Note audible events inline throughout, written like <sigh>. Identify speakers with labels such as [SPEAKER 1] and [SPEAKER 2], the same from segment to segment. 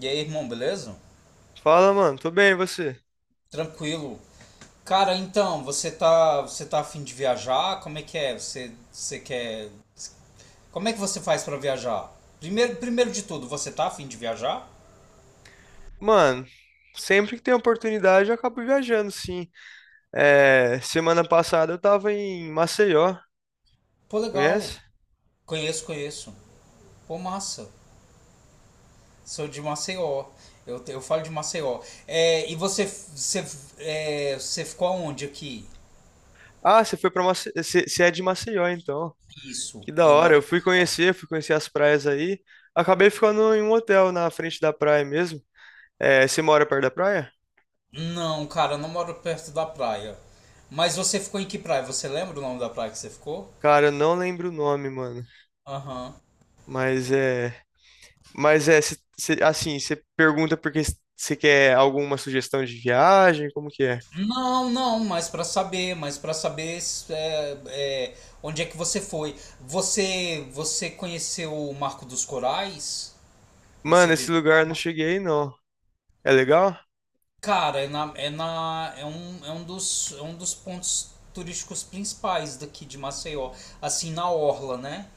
[SPEAKER 1] E aí, irmão, beleza?
[SPEAKER 2] Fala, mano. Tô bem, e você?
[SPEAKER 1] Tranquilo. Cara, então, você tá afim de viajar? Como é que é? Você quer. Como é que você faz pra viajar? Primeiro de tudo, você tá afim de viajar?
[SPEAKER 2] Mano, sempre que tem oportunidade eu acabo viajando, sim. É, semana passada eu tava em Maceió,
[SPEAKER 1] Pô,
[SPEAKER 2] conhece?
[SPEAKER 1] legal. Conheço, conheço. Pô, massa. Sou de Maceió. Eu falo de Maceió. É, e você ficou aonde aqui?
[SPEAKER 2] Ah, você foi pra Maceió. Você é de Maceió, então.
[SPEAKER 1] Isso.
[SPEAKER 2] Que da
[SPEAKER 1] Eu
[SPEAKER 2] hora.
[SPEAKER 1] moro
[SPEAKER 2] Eu
[SPEAKER 1] em
[SPEAKER 2] fui
[SPEAKER 1] Maceió.
[SPEAKER 2] conhecer, fui conhecer as praias aí. Acabei ficando em um hotel na frente da praia mesmo. É, você mora perto da praia?
[SPEAKER 1] Não, cara, eu não moro perto da praia. Mas você ficou em que praia? Você lembra o nome da praia que você ficou?
[SPEAKER 2] Cara, eu não lembro o nome, mano.
[SPEAKER 1] Aham.
[SPEAKER 2] Mas é. Assim, você pergunta porque você quer alguma sugestão de viagem? Como que é?
[SPEAKER 1] Não, não, mas para saber é, é, onde é que você foi. Você conheceu o Marco dos Corais? Você
[SPEAKER 2] Mano, esse
[SPEAKER 1] visitou?
[SPEAKER 2] lugar eu não cheguei, não. É legal?
[SPEAKER 1] Cara, é um dos pontos turísticos principais daqui de Maceió, assim na orla, né?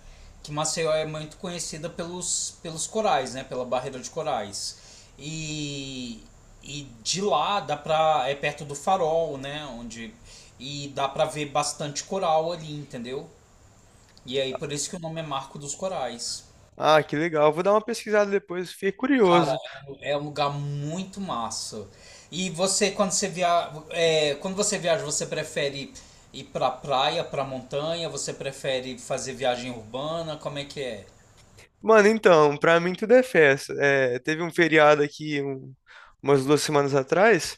[SPEAKER 1] Que Maceió é muito conhecida pelos corais, né? Pela barreira de corais. E e de lá dá pra perto do Farol, né? Onde e dá pra ver bastante coral ali, entendeu? E aí por isso que o nome é Marco dos Corais.
[SPEAKER 2] Ah, que legal. Vou dar uma pesquisada depois, fiquei
[SPEAKER 1] Cara,
[SPEAKER 2] curioso.
[SPEAKER 1] é um lugar muito massa. E você, quando você viaja, você prefere ir pra praia, pra montanha? Você prefere fazer viagem urbana? Como é que é?
[SPEAKER 2] Mano, então, pra mim tudo é festa. É, teve um feriado aqui umas 2 semanas atrás.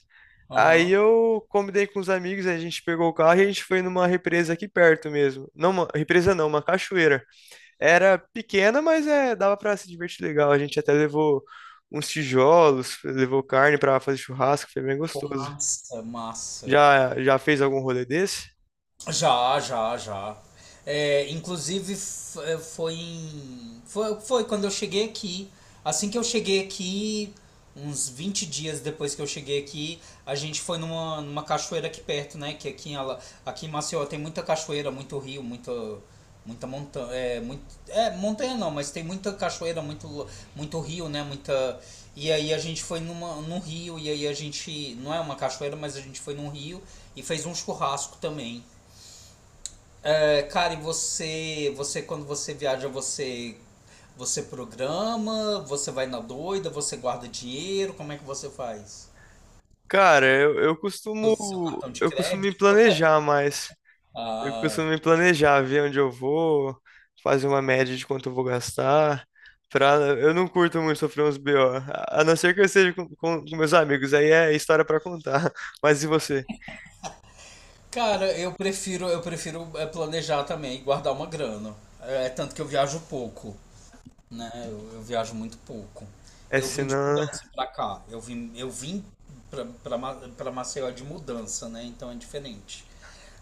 [SPEAKER 2] Aí
[SPEAKER 1] Aham.
[SPEAKER 2] eu combinei com os amigos, a gente pegou o carro e a gente foi numa represa aqui perto mesmo. Não, uma represa não, uma cachoeira. Era pequena, mas é, dava pra se divertir legal. A gente até levou uns tijolos, levou carne pra fazer churrasco, foi bem
[SPEAKER 1] Pô,
[SPEAKER 2] gostoso.
[SPEAKER 1] massa, massa.
[SPEAKER 2] Já fez algum rolê desse?
[SPEAKER 1] Já, já, já. É, inclusive f- é, foi, em- foi foi quando eu cheguei aqui. Assim que eu cheguei aqui, uns 20 dias depois que eu cheguei aqui, a gente foi numa cachoeira aqui perto, né? Que aqui em Maceió tem muita cachoeira, muito rio, muita montanha. É, montanha não, mas tem muita cachoeira, muito rio, né? Muita. E aí a gente foi num rio, e aí a gente. Não é uma cachoeira, mas a gente foi num rio e fez um churrasco também. É, cara, e você quando você viaja, você programa, você vai na doida, você guarda dinheiro, como é que você faz?
[SPEAKER 2] Cara, eu, eu costumo
[SPEAKER 1] Usa o seu cartão de
[SPEAKER 2] eu costumo me
[SPEAKER 1] crédito?
[SPEAKER 2] planejar mais. Eu
[SPEAKER 1] Ah,
[SPEAKER 2] costumo me planejar, ver onde eu vou, fazer uma média de quanto eu vou gastar. Pra, eu não curto muito sofrer uns BO, a não ser que eu esteja com meus amigos, aí é história pra contar. <laughs> Mas e você?
[SPEAKER 1] cara, eu prefiro planejar também, e guardar uma grana. É tanto que eu viajo pouco, né? Eu viajo muito pouco.
[SPEAKER 2] É
[SPEAKER 1] Eu
[SPEAKER 2] se
[SPEAKER 1] vim de
[SPEAKER 2] não, né?
[SPEAKER 1] mudança pra cá. Eu vim pra Maceió de mudança, né? Então é diferente.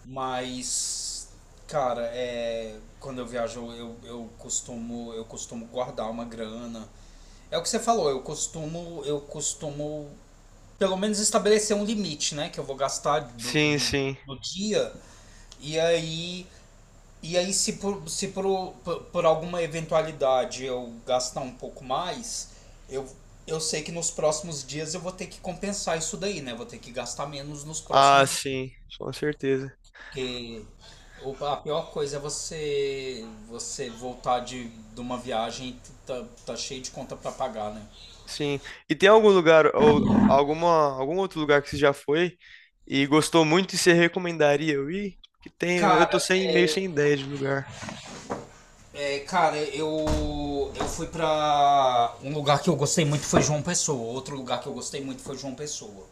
[SPEAKER 1] Mas, cara, quando eu viajo, eu costumo guardar uma grana. É o que você falou, eu costumo pelo menos estabelecer um limite, né, que eu vou gastar do,
[SPEAKER 2] Sim,
[SPEAKER 1] do,
[SPEAKER 2] sim.
[SPEAKER 1] do dia. E aí e aí se por alguma eventualidade eu gastar um pouco mais, eu eu sei que nos próximos dias eu vou ter que compensar isso daí, né? Vou ter que gastar menos nos
[SPEAKER 2] Ah,
[SPEAKER 1] próximos dias.
[SPEAKER 2] sim, com certeza.
[SPEAKER 1] Porque a pior coisa é você voltar de uma viagem e tá cheio de conta pra pagar, né?
[SPEAKER 2] Sim. E tem algum lugar ou alguma, algum outro lugar que você já foi e gostou muito e você recomendaria eu ir? Que tem, eu
[SPEAKER 1] Cara,
[SPEAKER 2] tô sem, meio sem ideia de lugar.
[SPEAKER 1] cara, eu fui pra um lugar que eu gostei muito foi João Pessoa. Outro lugar que eu gostei muito foi João Pessoa.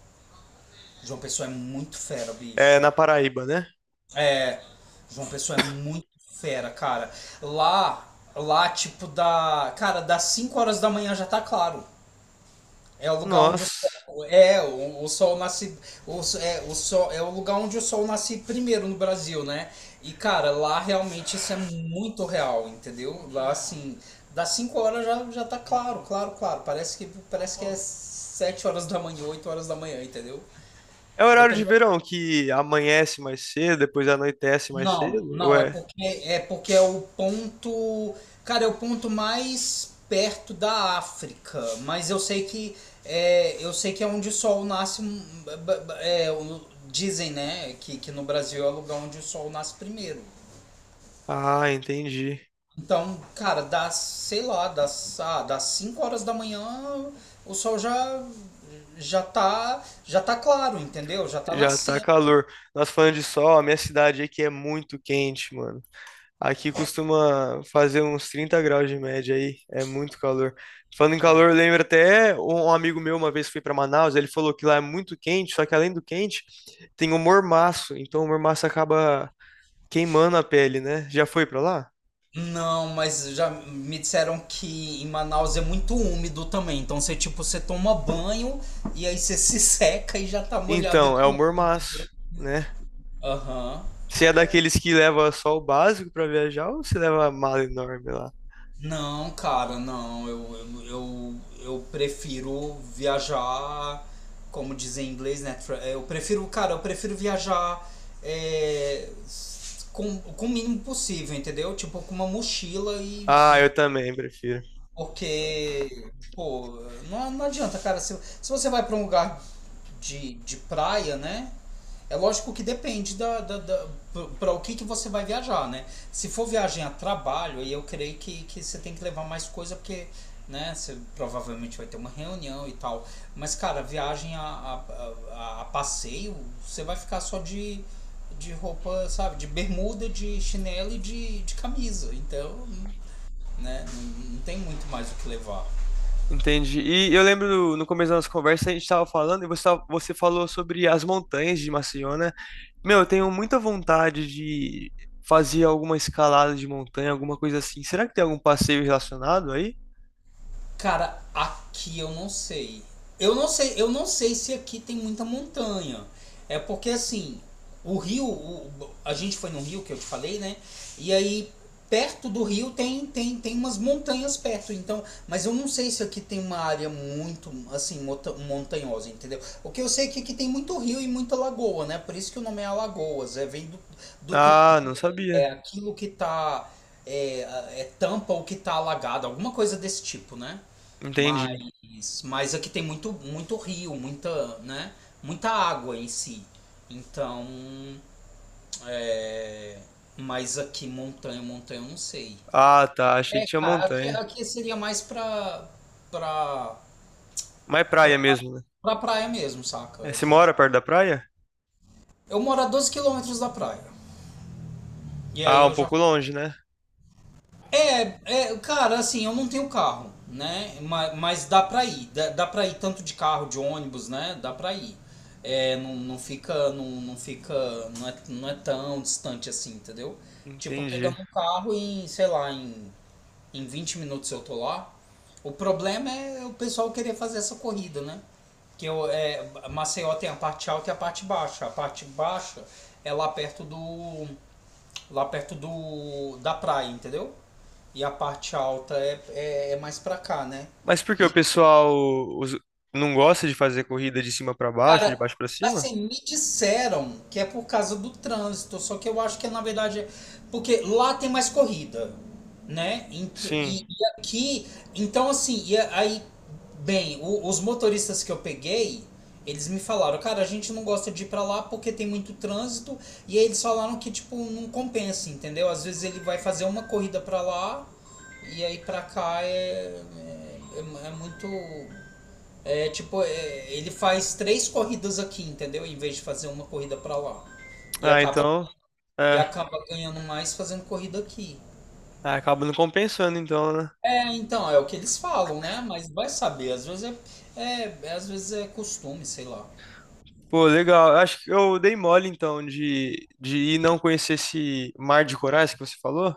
[SPEAKER 1] João Pessoa é muito fera,
[SPEAKER 2] É
[SPEAKER 1] bicho.
[SPEAKER 2] na Paraíba, né?
[SPEAKER 1] É, João Pessoa é muito fera, cara. Lá, lá, cara, das 5 horas da manhã já tá claro. É o lugar onde o
[SPEAKER 2] Nossa.
[SPEAKER 1] sol o sol nasce o, so- é o sol é o lugar onde o sol nasce primeiro no Brasil, né? E cara, lá realmente isso é muito real, entendeu? Lá assim, das 5 horas já tá claro, claro, claro. Parece que é 7 horas da manhã, 8 horas da manhã, entendeu?
[SPEAKER 2] É o horário de
[SPEAKER 1] Dependendo
[SPEAKER 2] verão que amanhece mais cedo, depois anoitece mais
[SPEAKER 1] Não,
[SPEAKER 2] cedo?
[SPEAKER 1] não, é
[SPEAKER 2] Ué.
[SPEAKER 1] porque é porque é o ponto mais perto da África, mas eu sei que é onde o sol nasce, dizem, né, que no Brasil é o lugar onde o sol nasce primeiro.
[SPEAKER 2] Ah, entendi.
[SPEAKER 1] Então, cara, sei lá, das 5 horas da manhã o sol já já tá claro, entendeu? Já tá
[SPEAKER 2] Já tá
[SPEAKER 1] nascendo.
[SPEAKER 2] calor. Nós falando de sol, a minha cidade aqui é muito quente, mano. Aqui costuma fazer uns 30 graus de média aí, é muito calor. Falando em calor, eu lembro até um amigo meu uma vez foi para Manaus, ele falou que lá é muito quente, só que além do quente, tem o mormaço, então o mormaço acaba queimando a pele, né? Já foi para lá?
[SPEAKER 1] Não, mas já me disseram que em Manaus é muito úmido também. Então você tipo, você toma banho e aí você <laughs> se seca e já tá molhado.
[SPEAKER 2] Então, é o mormaço, né?
[SPEAKER 1] Aham.
[SPEAKER 2] Você é daqueles que leva só o básico para viajar ou você leva a mala enorme lá?
[SPEAKER 1] Não, cara, não. Eu prefiro viajar, como dizem em inglês, né? Eu prefiro viajar com o mínimo possível, entendeu? Tipo, com uma mochila
[SPEAKER 2] Ah,
[SPEAKER 1] e,
[SPEAKER 2] eu também prefiro.
[SPEAKER 1] porque, pô, não, não adianta, cara. Se você vai para um lugar de praia, né? É lógico que depende da, para o que você vai viajar, né? Se for viagem a trabalho, aí eu creio que você tem que levar mais coisa, porque, né, você provavelmente vai ter uma reunião e tal. Mas, cara, viagem a passeio, você vai ficar só de roupa, sabe? De bermuda, de chinelo e de camisa. Então, né? Não, não tem muito mais o que levar.
[SPEAKER 2] Entendi. E eu lembro no começo da nossa conversa, a gente estava falando e você falou sobre as montanhas de Maceió, né? Meu, eu tenho muita vontade de fazer alguma escalada de montanha, alguma coisa assim. Será que tem algum passeio relacionado aí?
[SPEAKER 1] Cara, aqui eu não sei. Eu não sei se aqui tem muita montanha. É porque assim, o rio, o- a gente foi no rio que eu te falei, né? E aí perto do rio tem umas montanhas perto, então, mas eu não sei se aqui tem uma área muito assim montanhosa, entendeu? O que eu sei é que aqui tem muito rio e muita lagoa, né? Por isso que o nome é Alagoas, é vem do, do
[SPEAKER 2] Ah, não sabia.
[SPEAKER 1] É aquilo que tá. É, é tampa o que tá alagado, alguma coisa desse tipo, né?
[SPEAKER 2] Entendi.
[SPEAKER 1] Mas, aqui tem muito, rio, muita, né? Muita água em si. Então, é, mas aqui montanha, montanha, eu não sei.
[SPEAKER 2] Ah, tá. Achei que
[SPEAKER 1] É,
[SPEAKER 2] tinha
[SPEAKER 1] cara, aqui,
[SPEAKER 2] montanha.
[SPEAKER 1] aqui seria mais pra,
[SPEAKER 2] Mas é
[SPEAKER 1] pra,
[SPEAKER 2] praia mesmo, né?
[SPEAKER 1] pra praia mesmo,
[SPEAKER 2] É,
[SPEAKER 1] saca?
[SPEAKER 2] você
[SPEAKER 1] Aqui.
[SPEAKER 2] mora perto da praia?
[SPEAKER 1] Eu moro a 12 quilômetros da praia. E aí
[SPEAKER 2] Ah, um
[SPEAKER 1] eu já
[SPEAKER 2] pouco longe, né?
[SPEAKER 1] É, cara, assim, eu não tenho carro, né? Mas, dá pra ir. Dá pra ir tanto de carro, de ônibus, né? Dá pra ir. É, não, não fica. Não, não fica. Não é tão distante assim, entendeu? Tipo,
[SPEAKER 2] Entendi.
[SPEAKER 1] pegando um carro sei lá, em 20 minutos eu tô lá. O problema é o pessoal querer fazer essa corrida, né? Maceió tem a parte alta e a parte baixa. A parte baixa é lá perto do da praia, entendeu? E a parte alta é mais pra cá, né?
[SPEAKER 2] Mas por que o
[SPEAKER 1] E
[SPEAKER 2] pessoal os- não gosta de fazer corrida de cima pra baixo, de
[SPEAKER 1] cara,
[SPEAKER 2] baixo pra cima?
[SPEAKER 1] assim, me disseram que é por causa do trânsito, só que eu acho que na verdade é porque lá tem mais corrida, né? Ent-
[SPEAKER 2] Sim.
[SPEAKER 1] E, e aqui, então assim, aí, bem, os motoristas que eu peguei, eles me falaram, cara, a gente não gosta de ir pra lá porque tem muito trânsito, e aí eles falaram que, tipo, não compensa, entendeu? Às vezes ele vai fazer uma corrida pra lá, e aí pra cá é muito. É, tipo, ele faz três corridas aqui, entendeu? Em vez de fazer uma corrida pra lá. E
[SPEAKER 2] Ah,
[SPEAKER 1] acaba,
[SPEAKER 2] então.
[SPEAKER 1] e
[SPEAKER 2] É.
[SPEAKER 1] acaba ganhando mais fazendo corrida aqui.
[SPEAKER 2] Ah, acaba não compensando, então, né?
[SPEAKER 1] É, então, é o que eles falam, né? Mas vai saber, às vezes às vezes é costume, sei lá.
[SPEAKER 2] Pô, legal. Acho que eu dei mole então de ir não conhecer esse mar de corais que você falou.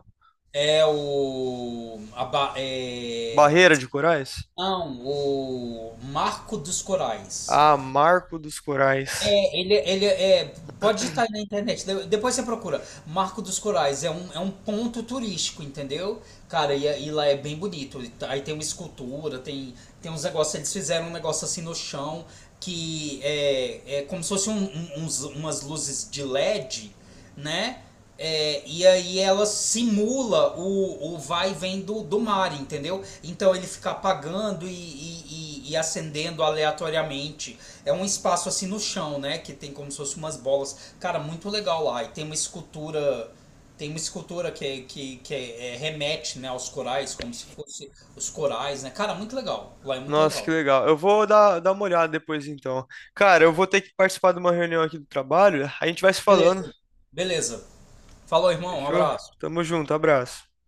[SPEAKER 1] É o a, ba- é,
[SPEAKER 2] Barreira de corais?
[SPEAKER 1] não, o Marco dos Corais.
[SPEAKER 2] Ah, Marco dos Corais.
[SPEAKER 1] É, ele é. Pode digitar aí na internet, depois você procura. Marco dos Corais é um, ponto turístico, entendeu? Cara, e lá é bem bonito. Aí tem uma escultura, tem uns negócios. Eles fizeram um negócio assim no chão que é como se fosse umas luzes de LED, né? É, e aí ela simula o vai e vem do mar, entendeu? Então ele fica apagando e acendendo aleatoriamente. É um espaço assim no chão, né? Que tem como se fosse umas bolas. Cara, muito legal lá. E tem uma escultura. Tem uma escultura que remete, né, aos corais, como se fosse os corais, né? Cara, muito legal. Lá é muito
[SPEAKER 2] Nossa, que
[SPEAKER 1] legal.
[SPEAKER 2] legal. Eu vou dar uma olhada depois então. Cara, eu vou ter que participar de uma reunião aqui do trabalho. A gente vai se falando.
[SPEAKER 1] Beleza. Beleza. Falou, irmão. Um
[SPEAKER 2] Fechou?
[SPEAKER 1] abraço.
[SPEAKER 2] Tamo junto, abraço.